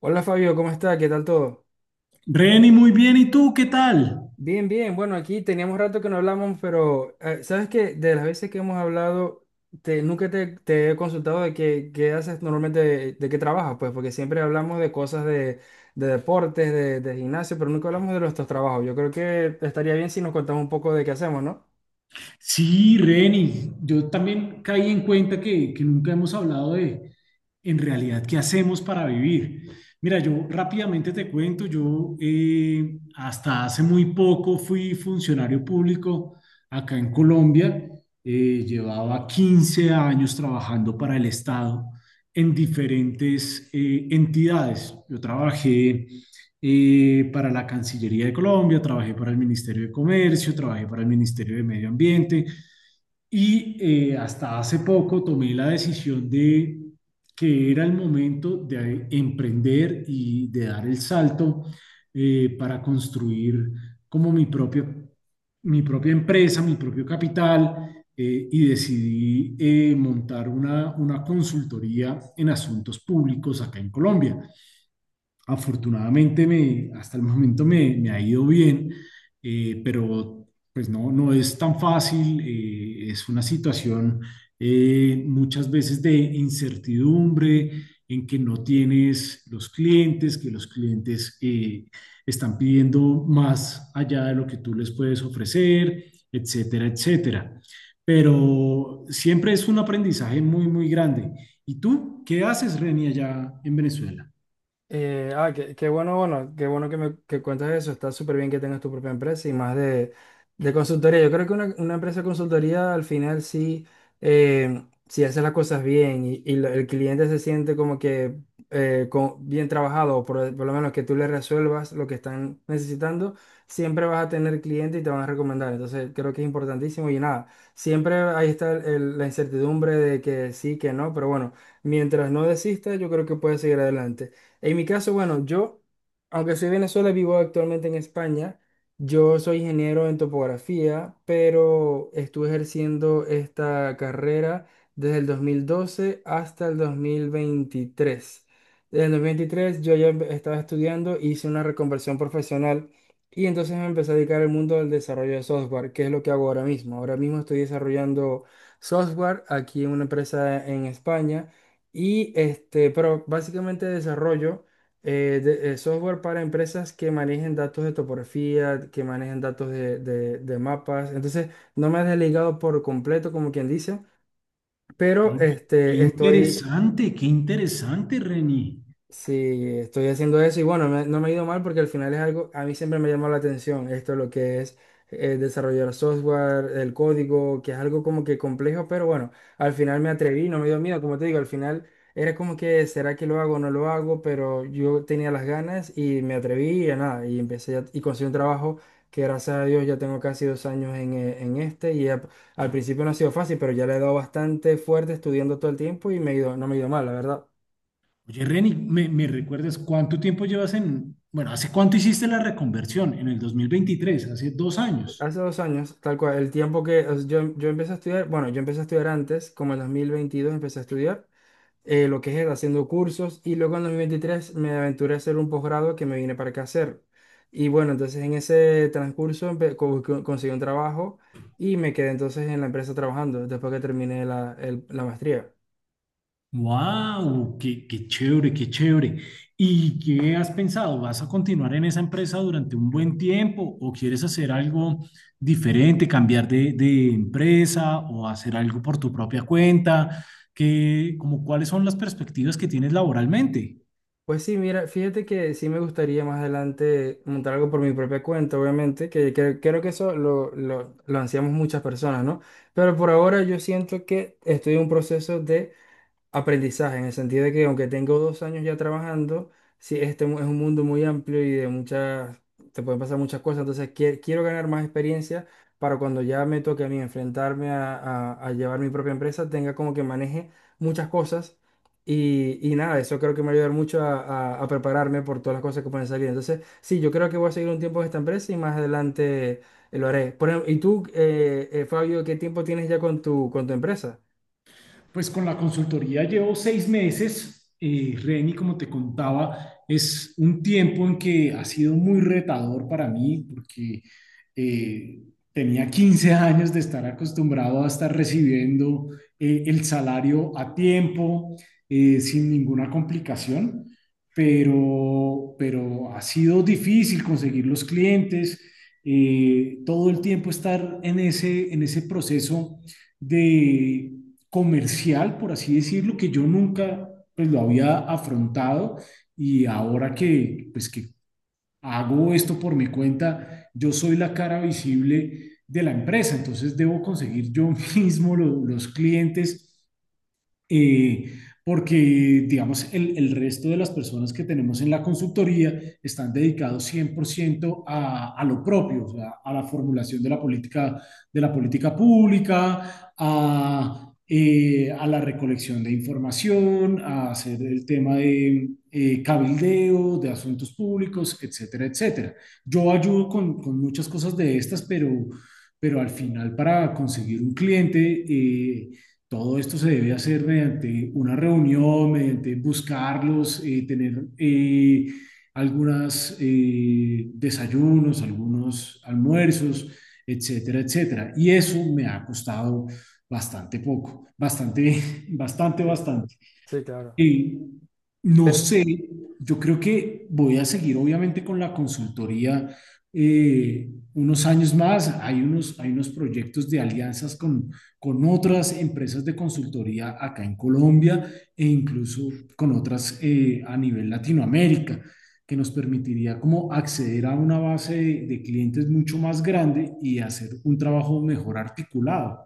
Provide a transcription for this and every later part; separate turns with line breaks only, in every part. Hola Fabio, ¿cómo está? ¿Qué tal todo?
Reni, muy bien. ¿Y tú qué tal?
Bien, bien. Bueno, aquí teníamos rato que no hablamos, pero sabes que de las veces que hemos hablado, nunca te he consultado de qué haces normalmente, de qué trabajas, pues, porque siempre hablamos de cosas de de, deportes, de gimnasio, pero nunca hablamos de nuestros trabajos. Yo creo que estaría bien si nos contamos un poco de qué hacemos, ¿no?
Sí, Reni, yo también caí en cuenta que nunca hemos hablado de, en realidad, qué hacemos para vivir. Mira, yo rápidamente te cuento. Yo hasta hace muy poco fui funcionario público acá en Colombia. Llevaba 15 años trabajando para el Estado en diferentes entidades. Yo trabajé para la Cancillería de Colombia, trabajé para el Ministerio de Comercio, trabajé para el Ministerio de Medio Ambiente y hasta hace poco tomé la decisión de que era el momento de emprender y de dar el salto para construir como mi propia empresa, mi propio capital. Y decidí montar una consultoría en asuntos públicos acá en Colombia. Afortunadamente, hasta el momento me ha ido bien, pero pues no es tan fácil. Es una situación muchas veces de incertidumbre en que no tienes los clientes, que los clientes están pidiendo más allá de lo que tú les puedes ofrecer, etcétera, etcétera. Pero siempre es un aprendizaje muy, muy grande. ¿Y tú qué haces, Reni, allá en Venezuela?
Qué bueno que me que cuentas eso. Está súper bien que tengas tu propia empresa y más de consultoría. Yo creo que una empresa de consultoría al final sí, si hace las cosas bien y el cliente se siente como que bien trabajado, por lo menos que tú le resuelvas lo que están necesitando, siempre vas a tener cliente y te van a recomendar. Entonces creo que es importantísimo y nada, siempre ahí está la incertidumbre de que sí, que no, pero bueno, mientras no desistas, yo creo que puedes seguir adelante. En mi caso, bueno, yo, aunque soy de Venezuela, vivo actualmente en España. Yo soy ingeniero en topografía, pero estuve ejerciendo esta carrera desde el 2012 hasta el 2023. Desde el 2023 yo ya estaba estudiando, hice una reconversión profesional y entonces me empecé a dedicar al mundo del desarrollo de software, que es lo que hago ahora mismo. Ahora mismo estoy desarrollando software aquí en una empresa en España. Y este, pero básicamente desarrollo software para empresas que manejen datos de topografía, que manejen datos de mapas. Entonces, no me he desligado por completo, como quien dice, pero
Oye,
este, estoy.
qué interesante, Reni.
Sí, estoy haciendo eso y bueno, no me ha ido mal porque al final es algo, a mí siempre me llamó la atención esto, lo que es desarrollar software, el código, que es algo como que complejo, pero bueno, al final me atreví, no me dio miedo, como te digo, al final era como que, ¿será que lo hago o no lo hago? Pero yo tenía las ganas y me atreví y a nada, y y conseguí un trabajo que gracias a Dios ya tengo casi 2 años en este y al principio no ha sido fácil, pero ya le he dado bastante fuerte estudiando todo el tiempo y me ha ido, no me ha ido mal, la verdad.
Oye, Reni, ¿me recuerdas cuánto tiempo llevas? Bueno, ¿hace cuánto hiciste la reconversión? En el 2023, hace 2 años.
Hace 2 años, tal cual, el tiempo que o sea, yo empecé a estudiar, bueno, yo empecé a estudiar antes, como en 2022 empecé a estudiar lo que es haciendo cursos y luego en 2023 me aventuré a hacer un posgrado que me vine para acá a hacer. Y bueno, entonces en ese transcurso conseguí un trabajo y me quedé entonces en la empresa trabajando después que terminé la maestría.
¡Wow! ¡Qué chévere, qué chévere! ¿Y qué has pensado? ¿Vas a continuar en esa empresa durante un buen tiempo o quieres hacer algo diferente, cambiar de empresa o hacer algo por tu propia cuenta? ¿Qué, como, ¿cuáles son las perspectivas que tienes laboralmente?
Pues sí, mira, fíjate que sí me gustaría más adelante montar algo por mi propia cuenta, obviamente, creo que eso lo ansiamos muchas personas, ¿no? Pero por ahora yo siento que estoy en un proceso de aprendizaje, en el sentido de que aunque tengo 2 años ya trabajando, sí, es un mundo muy amplio y de muchas, te pueden pasar muchas cosas, entonces quiero ganar más experiencia para cuando ya me toque a mí enfrentarme a, a llevar mi propia empresa, tenga como que maneje muchas cosas y nada, eso creo que me va a ayudar mucho a, a prepararme por todas las cosas que pueden salir. Entonces, sí, yo creo que voy a seguir un tiempo en esta empresa y más adelante lo haré. Por ejemplo, ¿y tú, Fabio, qué tiempo tienes ya con tu empresa?
Pues con la consultoría llevo 6 meses. Reni, como te contaba, es un tiempo en que ha sido muy retador para mí porque eh, tenía 15 años de estar acostumbrado a estar recibiendo el salario a tiempo, sin ninguna complicación, pero ha sido difícil conseguir los clientes, todo el tiempo estar en ese proceso de comercial, por así decirlo, que yo nunca, pues, lo había afrontado. Y ahora que, pues, que hago esto por mi cuenta, yo soy la cara visible de la empresa, entonces debo conseguir yo mismo los clientes, eh, porque, digamos, el resto de las personas que tenemos en la consultoría están dedicados 100% a lo propio, o sea, a la formulación de la política pública, a la recolección de información, a hacer el tema de cabildeo, de asuntos públicos, etcétera, etcétera. Yo ayudo con muchas cosas de estas, pero al final, para conseguir un cliente, todo esto se debe hacer mediante una reunión, mediante buscarlos, tener algunos desayunos, algunos almuerzos, etcétera, etcétera. Y eso me ha costado bastante poco, bastante, bastante,
Sí,
bastante.
sí, claro.
Eh, no sé, yo creo que voy a seguir obviamente con la consultoría eh, unos años más. Hay unos proyectos de alianzas con otras empresas de consultoría acá en Colombia e incluso con otras, a nivel Latinoamérica, que nos permitiría como acceder a una base de clientes mucho más grande y hacer un trabajo mejor articulado.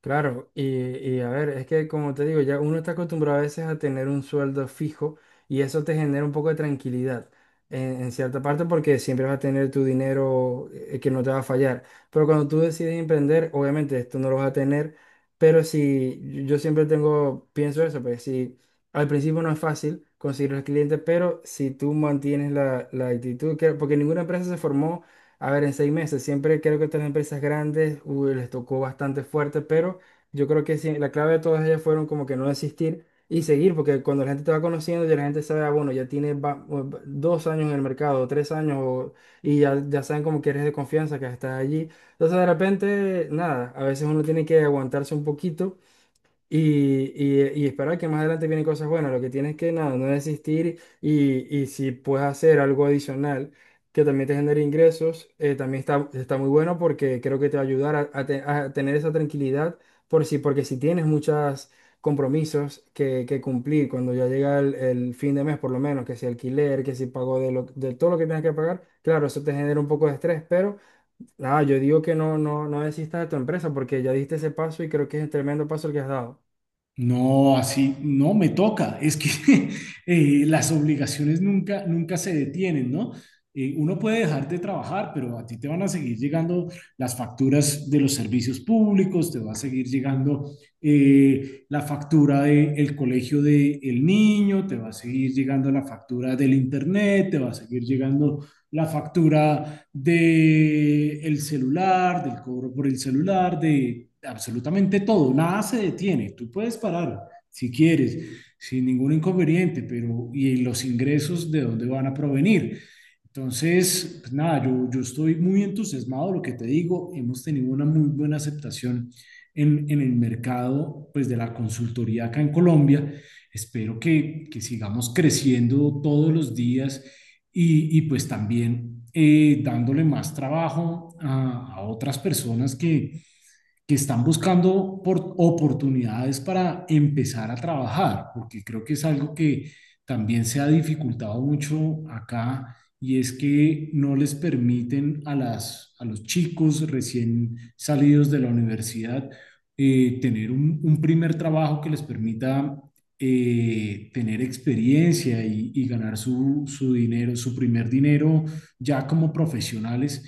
Claro, y a ver, es que como te digo, ya uno está acostumbrado a veces a tener un sueldo fijo y eso te genera un poco de tranquilidad en cierta parte porque siempre vas a tener tu dinero que no te va a fallar. Pero cuando tú decides emprender, obviamente esto no lo vas a tener, pero si yo siempre tengo, pienso eso, pues si al principio no es fácil conseguir los clientes, pero si tú mantienes la actitud, que, porque ninguna empresa se formó a ver, en 6 meses, siempre creo que estas empresas grandes uy, les tocó bastante fuerte, pero yo creo que sí, la clave de todas ellas fueron como que no desistir y seguir, porque cuando la gente te va conociendo, ya la gente sabe, ah, bueno, ya tiene 2 años en el mercado, 3 años, o- y ya, ya saben como que eres de confianza, que estás allí. Entonces, de repente, nada, a veces uno tiene que aguantarse un poquito y, y esperar que más adelante vienen cosas buenas. Lo que tienes que nada, no desistir y si puedes hacer algo adicional que también te genere ingresos, también está, está muy bueno porque creo que te va a ayudar a, a tener esa tranquilidad por si, porque si tienes muchos compromisos que cumplir cuando ya llega el fin de mes, por lo menos, que si alquiler, que si pago de todo lo que tengas que pagar, claro, eso te genera un poco de estrés, pero. Nada, yo digo que no, no, no desistas de tu empresa porque ya diste ese paso y creo que es un tremendo paso el que has dado.
No, así no me toca. Es que las obligaciones nunca, nunca se detienen, ¿no? Uno puede dejar de trabajar, pero a ti te van a seguir llegando las facturas de los servicios públicos, te va a seguir llegando la factura del colegio del niño, te va a seguir llegando la factura del internet, te va a seguir llegando la factura de el celular, del cobro por el celular, de absolutamente todo. Nada se detiene. Tú puedes parar si quieres, sin ningún inconveniente, pero ¿y los ingresos de dónde van a provenir? Entonces, pues nada, yo estoy muy entusiasmado. Lo que te digo, hemos tenido una muy buena aceptación en el mercado, pues, de la consultoría acá en Colombia. Espero que sigamos creciendo todos los días y pues también dándole más trabajo a otras personas que están buscando por oportunidades para empezar a trabajar, porque creo que es algo que también se ha dificultado mucho acá, y es que no les permiten a, las, a los chicos recién salidos de la universidad tener un primer trabajo que les permita tener experiencia y ganar su primer dinero ya como profesionales.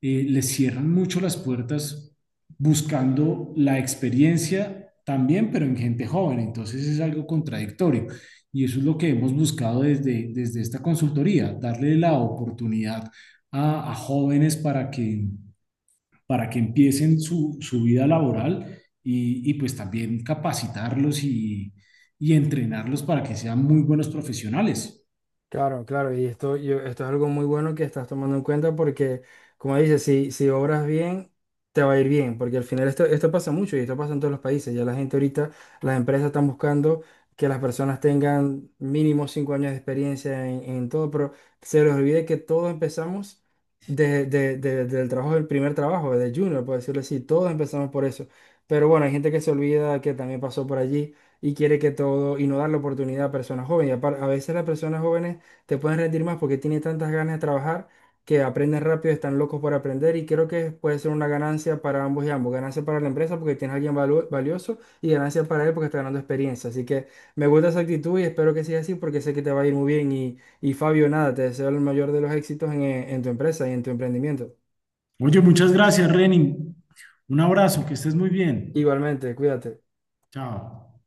Les cierran mucho las puertas buscando la experiencia también, pero en gente joven. Entonces es algo contradictorio. Y eso es lo que hemos buscado desde esta consultoría: darle la oportunidad a jóvenes para que empiecen su vida laboral pues también capacitarlos y entrenarlos para que sean muy buenos profesionales.
Claro, claro, y esto, esto es algo muy bueno que estás tomando en cuenta porque, como dices, si obras bien, te va a ir bien, porque al final esto, esto pasa mucho y esto pasa en todos los países. Ya la gente ahorita, las empresas están buscando que las personas tengan mínimo 5 años de experiencia en todo, pero se les olvide que todos empezamos del trabajo, del primer trabajo, de junior, por decirlo así, todos empezamos por eso. Pero bueno, hay gente que se olvida que también pasó por allí y quiere que todo y no dar la oportunidad a personas jóvenes. Y a veces las personas jóvenes te pueden rendir más porque tienen tantas ganas de trabajar que aprenden rápido, están locos por aprender y creo que puede ser una ganancia para ambos y ambos. Ganancia para la empresa porque tienes a alguien valioso y ganancia para él porque está ganando experiencia. Así que me gusta esa actitud y espero que siga así porque sé que te va a ir muy bien. Y Fabio, nada, te deseo el mayor de los éxitos en tu empresa y en tu emprendimiento.
Oye, muchas gracias, Renin. Un abrazo, que estés muy bien.
Igualmente, cuídate.
Chao.